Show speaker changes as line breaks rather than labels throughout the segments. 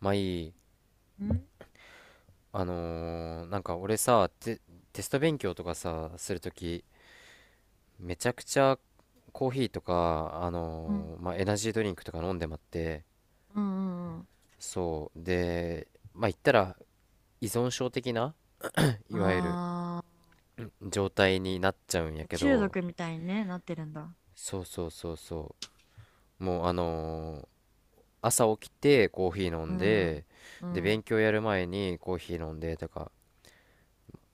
まあいい。
うん、
俺さ、テスト勉強とかさ、するとき、めちゃくちゃコーヒーとか、
うん、
まあエナジードリンクとか飲んでまって、
うん、うんうん。
そう。で、まあ言ったら依存症的な、いわゆる
あ
状態になっちゃうんや
あ、
け
中
ど、
毒みたいにね、なってるんだ。
そうそうそうそう。もう朝起きてコーヒー飲
う
ん
ん、
で、
う
で、
ん。
勉強やる前にコーヒー飲んでとか、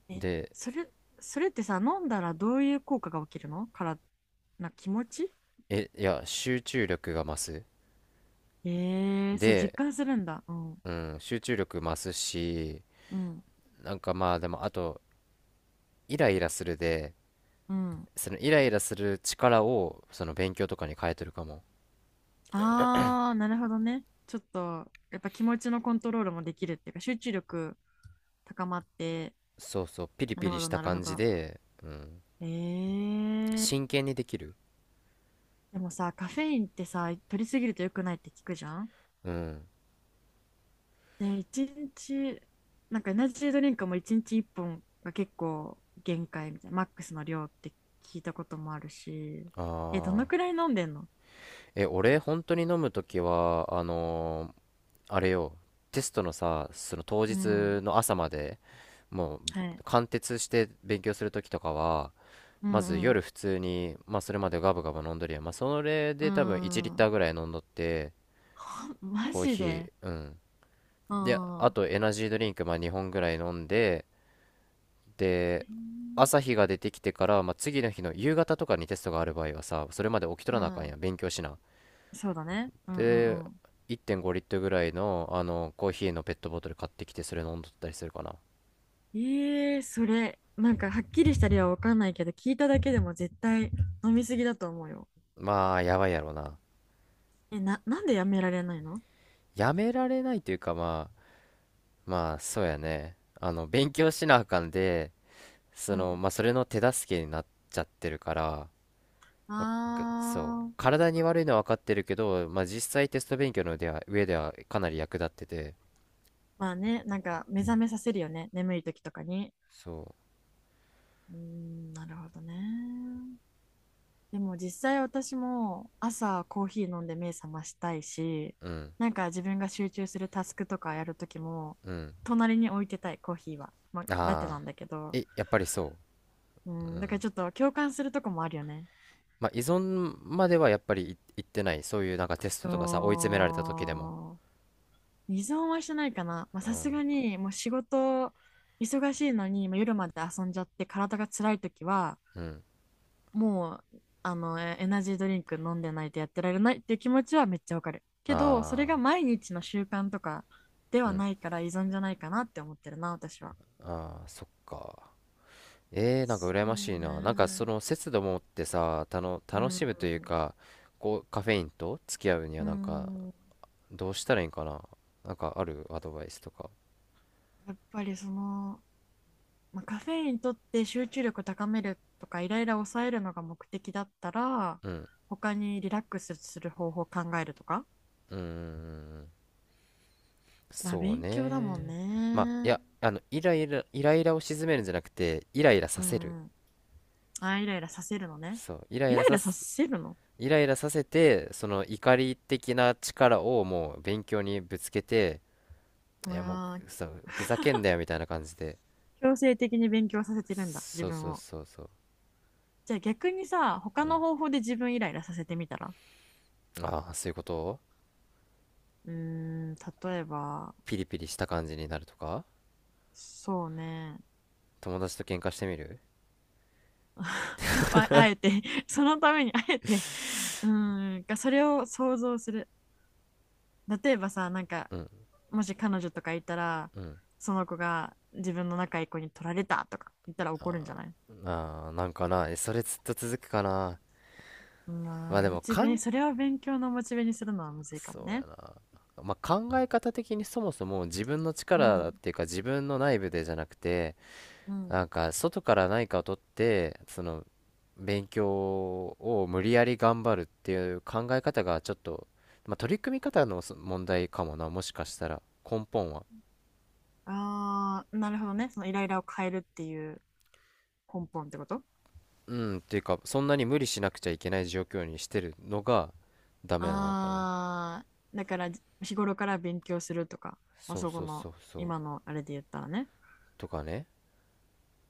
え、
で、
それ、それってさ、飲んだらどういう効果が起きるのから、な、気持ち
いや、集中力が増す。
ええー、それ
で、
実感するんだ。うん、
うん、集中力増すし、
うん、
なんかまあでもあと、イライラするで、
うん。
そのイライラする力をその勉強とかに変えてるかも。
ああ、なるほどね。ちょっと、やっぱ気持ちのコントロールもできるっていうか、集中力高まって、
そうそう、ピリ
な
ピ
る
リ
ほ
し
ど、
た
なるほ
感じ
ど。
で、うん、
ええー。
真剣にできる。
でもさ、カフェインってさ、取りすぎると良くないって聞くじゃん。
うん。
ね、一日、なんかエナジードリンクも一日一本が結構限界みたいな、マックスの量って聞いたこともあるし、え、どの
ああ。
くらい飲んでんの？
え、俺、本当に飲むときは、あれよ、テストのさ、その当
う
日
ん、
の朝まで、もう、
はい。
貫徹して勉強するときとかは、
う
まず
んうん。
夜普通に、まあ、それまでガブガブ飲んどりやん、まあ、それ
う
で多分1リッタ
ん。
ーぐらい飲んどって、
あマ
コー
ジ
ヒー。
で。
うん。
う
で
ん。
あ
う
とエナジードリンク、まあ、2本ぐらい飲んで、で
ん。
朝日が出てきてから、まあ、次の日の夕方とかにテストがある場合はさ、それまで起きと
う
らなあかん
ん。
やん、勉強しな。
そうだね。うんう
で
んうん。
1.5リットルぐらいの、あのコーヒーのペットボトル買ってきてそれ飲んどったりするかな。
ええそれ、なんかはっきりした理由はわかんないけど、聞いただけでも絶対飲みすぎだと思うよ。
まあやばいやろな。
え、な、なんでやめられないの？
やめられないというか、まあ、まあそうやね、あの勉強しなあかんで、
う
その、
ん。
まあ、それの手助けになっちゃってるから、
あ
そう、
ー、
体に悪いのは分かってるけど、まあ、実際テスト勉強のでは上ではかなり役立ってて、
まあね、なんか目覚めさせるよね、眠い時とかに。
そ
うーん、なるほどね。でも実際私も朝コーヒー飲んで目覚ましたいし、
う、うん、
なんか自分が集中するタスクとかやる時も、
うん、
隣に置いてたい、コーヒーは。まあ、ラテ
ああ、
なんだけど、
やっぱりそ
う
う、う
ん、だから
ん。
ちょっと共感するとこもあるよね。
まあ、依存まではやっぱりいってない、そういうなんかテストとかさ、追い詰められた時でも、
そう、依存はしてないかな。まあ
う
さ
ん、
すがにもう仕事忙しいのに、まあ夜まで遊んじゃって体が辛い時は、
うん、
もう、あの、エナジードリンク飲んでないとやってられないっていう気持ちはめっちゃわかる。けど、それが
ああ、
毎日の習慣とかで
う
は
ん、
ないから依存じゃないかなって思ってるな、私は。
ああ、そっか。えー、なんか
そ
羨まし
う
いな。なんかそ
ね。
の節度を持ってさ、
う
楽しむという
ん。
か、こう、カフェインと付き合うに
う
はなんか、
ん。
どうしたらいいんかな。なんかあるアドバイスとか。
やっぱりその、まあ、カフェインとって集中力高めるとかイライラ抑えるのが目的だったら、
うん。
他にリラックスする方法を考えるとか。
うーん。
まあ
そう
勉強だもん
ね。まあ、い
ね。
や、あの、イライラを鎮めるんじゃなくて、イライラさ
う
せる。
んうん。あ、イライラさせるのね。
そう。イラ
イ
イ
ラ
ラ
イ
さ
ラさ
す、
せるの？
イライラさせて、その怒り的な力をもう勉強にぶつけて、いやもう、
あ、
そう、ふざけんなよみたいな感じで。
強制的に勉強させてるんだ、自
そう
分
そう
を。
そうそう。
じゃあ逆にさ、他の方法で自分イライラさせてみたら？
ああ、そういうことを。
うーん、例えば、
ピリピリした感じになるとか、
そうね。
友達と喧嘩してみる。
あ、あえて、そのためにあえて、うーん、がそれを想像する。例えばさ、なんか、
うん。
もし彼女とかいたら、
うん。
その子が自分の仲いい子に取られたとか言ったら怒るんじゃない？
ああ、なんかな、えそれずっと続くかな。ま
ま
あ
あ、
で
モ
も、
チベ、それを勉強のモチベにするのはむずいかも
そうや
ね。
な。まあ考え方的にそもそも自分の
う
力っ
ん。
ていうか自分の内部でじゃなくて、
うん。
なんか外から何かを取って、その勉強を無理やり頑張るっていう考え方がちょっと、まあ取り組み方の問題かもな、もしかしたら根本は。
ああ、なるほどね。そのイライラを変えるっていう根本ってこと？
うん、っていうか、そんなに無理しなくちゃいけない状況にしてるのがダメなのかな。
ああ、だから、じ、日頃から勉強するとか、まあ、
そう
そこ
そう
の
そうそう。
今のあれで言ったらね。
とかね。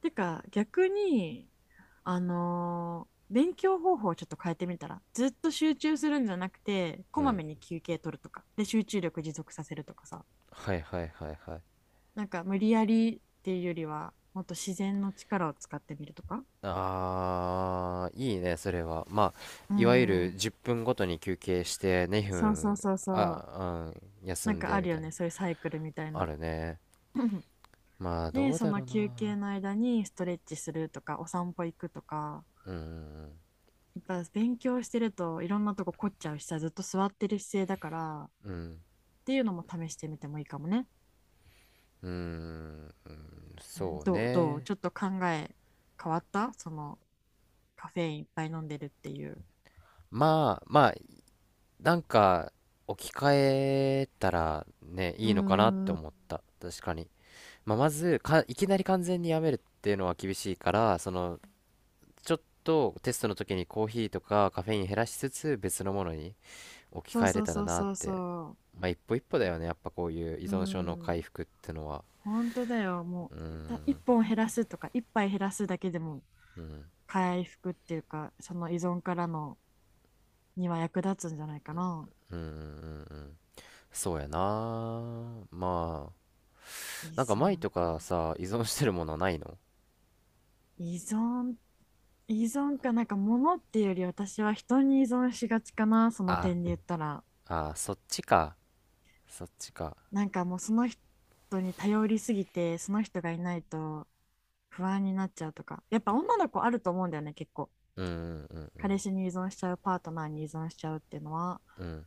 てか逆に、勉強方法をちょっと変えてみたら、ずっと集中するんじゃなくて、こ
う
ま
ん。
めに休憩取るとか、で集中力持続させるとかさ、
はいはいはいはい。
なんか無理やりっていうよりは、もっと自然の力を使ってみるとか。
あー、いいね、それは。まあ、
うん
いわゆ
う
る
ん、
10分ごとに休憩してね
そうそ
分、
うそうそう。
あ、うん、休
なん
ん
か
で
あ
み
る
た
よ
いな。
ね、そういうサイクルみたい
あ
な。
るね。まあ、ど
で、
う
そ
だろ
の
う
休
な。
憩の間にストレッチするとか、お散歩行くとか、
うん、
やっぱ勉強してるといろんなとこ凝っちゃうしさ、ずっと座ってる姿勢だから、っ
うん、
ていうのも試してみてもいいかもね。
うん、
うん、
そう
どう、どう
ね。
ちょっと考え変わった？そのカフェインいっぱい飲んでるっていう。
まあ、まあ、なんか、置き換えたらね、
う
い
ー
いのかなって
ん、
思った。確かに。まあ、まずか、いきなり完全にやめるっていうのは厳しいから、その、ちょっとテストの時にコーヒーとかカフェイン減らしつつ別のものに置き
そう
換えれ
そう
たら
そう
なっ
そう
て。
そ
まあ一歩一歩だよね。やっぱこういう依
う。うー
存症の
ん。
回復ってのは。
本当だよ。も
うー
う、た、一
ん、
本減らすとか、一杯減らすだけでも、
うん、
回復っていうか、その依存からの、には役立つんじゃないかな。
うん、うん、うん。そうやな。まあ、
依
なんか前
存
とか
か。
さ、依存してるものないの？
依存、依存か、なんか物っていうより私は人に依存しがちかな、その
あ、
点で言ったら。
あ、そっちか。そっちか。
なんかもうその人に頼りすぎて、その人がいないと不安になっちゃうとか。やっぱ女の子あると思うんだよね、結構。
うん、うん、うん、
彼氏に依存しちゃう、パートナーに依存しちゃうっていうのは。
うん。うん。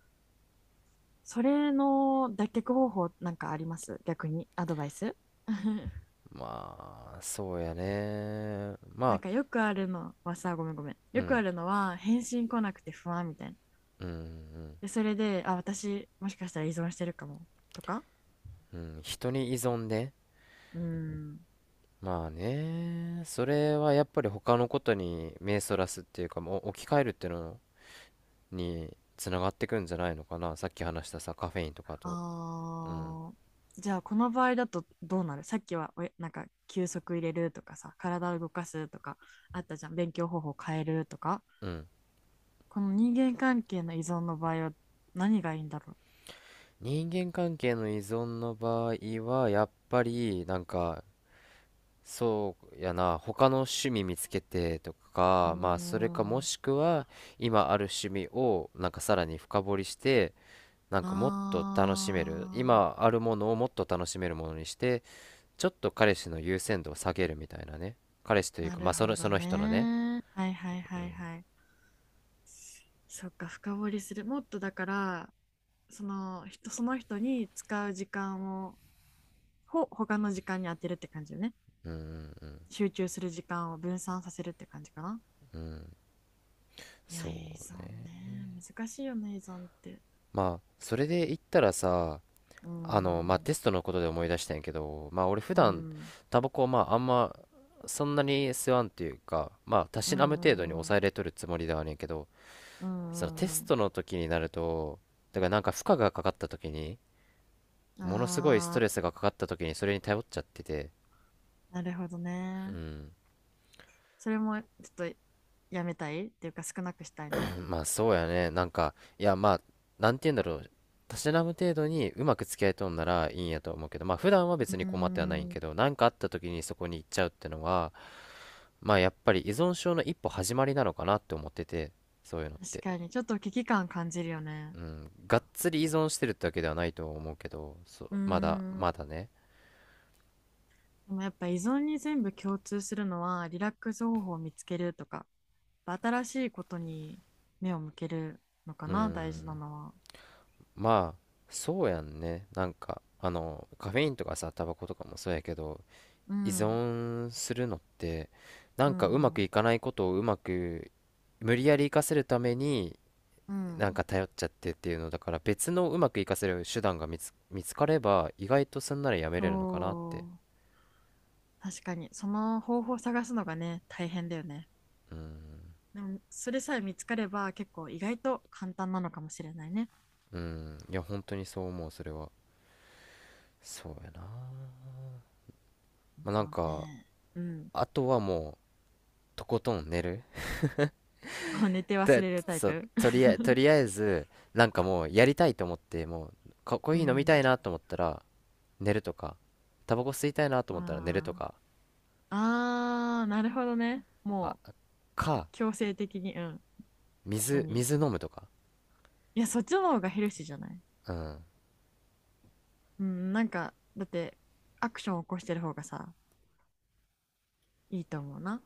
それの脱却方法なんかあります？逆にアドバイス。
まあ、そうやね。ま
なん
あ、
かよくあるのはさ、ごめんごめん。
う
よくあ
ん、
るのは返信来なくて不安みたいな。
うん、
で、それで、あ、私もしかしたら依存してるかもとか。
うん、うん。人に依存ね。
うーん。
まあね、それはやっぱり他のことに目そらすっていうか、もう置き換えるっていうのにつながってくんじゃないのかな。さっき話したさ、カフェインとかと。うん。
あー、じゃあこの場合だとどうなる？さっきはおやなんか休息入れるとかさ、体を動かすとかあったじゃん。勉強方法変えるとか。
うん。
この人間関係の依存の場合は何がいいんだろ
人間関係の依存の場合は、やっぱりなんか、そうやな、他の趣味見つけてと
う。うー
か、まあそれかも
ん、
しくは今ある趣味をなんかさらに深掘りして、なんかもっと楽しめる、
あ
今あるものをもっと楽しめるものにして、ちょっと彼氏の優先度を下げるみたいなね。彼氏と
ー、
いう
な
かま
る
あそ
ほ
の、そ
ど
の人のね。
ね。はいはいはいはい。そっか、深掘りする。もっとだから、その人、その人に使う時間を、ほ、他の時間に当てるって感じよね。
うんうんうん。
集中する時間を分散させるって感じかな。い
そ
や、依存
うね。
ね。難しいよね、依存って。
まあそれで言ったらさ、
うー
まあテ
ん。
ストのことで思い出したんやけど、まあ俺普
う
段
ん。
タバコをまああんまそんなに吸わんっていうか、まあた
う
し
ん
なむ程
う
度に
んうん。
抑えれとるつもりではあるんやけど、
う
そのテ
んう
ス
ん
トの時になると、だからなんか負荷がかかった時に、
うん。
ものすごいス
あ
ト
あ、
レスがかかった時にそれに頼っちゃってて、
なるほど
う
ね。
ん、
それもちょっとやめたいっていうか少なくしたいの？
まあそうやね。なんか、いやまあ、なんて言うんだろう。たしなむ程度にうまく付き合いとんならいいんやと思うけど、まあ普段は別に
う
困ってはないん
ん、
けど、なんかあった時にそこに行っちゃうってのは、まあやっぱり依存症の一歩始まりなのかなって思ってて、そういうのっ
確
て。
かに、ちょっと危機感感じるよね。
うん、がっつり依存してるってわけではないと思うけど、そう、
うん、
まだね。
でもやっぱ依存に全部共通するのは、リラックス方法を見つけるとか、やっぱ新しいことに目を向けるのか
う
な、大事な
ん、
のは。
まあ、そうやんね。なんか、あの、カフェインとかさ、タバコとかもそうやけど、
う
依
ん、
存するのってな
う
ん
ん、
かうま
う
く
ん、
いかないことをうまく無理やり生かせるために
う
なんか
ん。
頼っちゃってっていうのだから、別のうまく生かせる手段が見つかれば意外とすんならやめれるのかなって。
そう、確かに、その方法を探すのがね、大変だよね。
うん、
でも、それさえ見つかれば、結構意外と簡単なのかもしれないね。
うん、いや本当にそう思う、それは。そうやな。まあな
そ
ん
う
か、
ね。うん。
あとはもうとことん寝る。
もう寝て忘
で、
れるタイ
そう、
プ。
とりあえず、なんかもうやりたいと思ってもうかコー
う
ヒー飲みた
ん。
いなと思ったら寝るとか、タバコ吸いたいなと思ったら寝ると
ま
か、
あ。あー、なるほどね。
あ
もう
か、
強制的に、うん。何？
水飲むとか。
いや、そっちの方がヘルシーじゃない？
うん
うん、なんか、だって、アクション起こしてる方がさ、いいと思うな。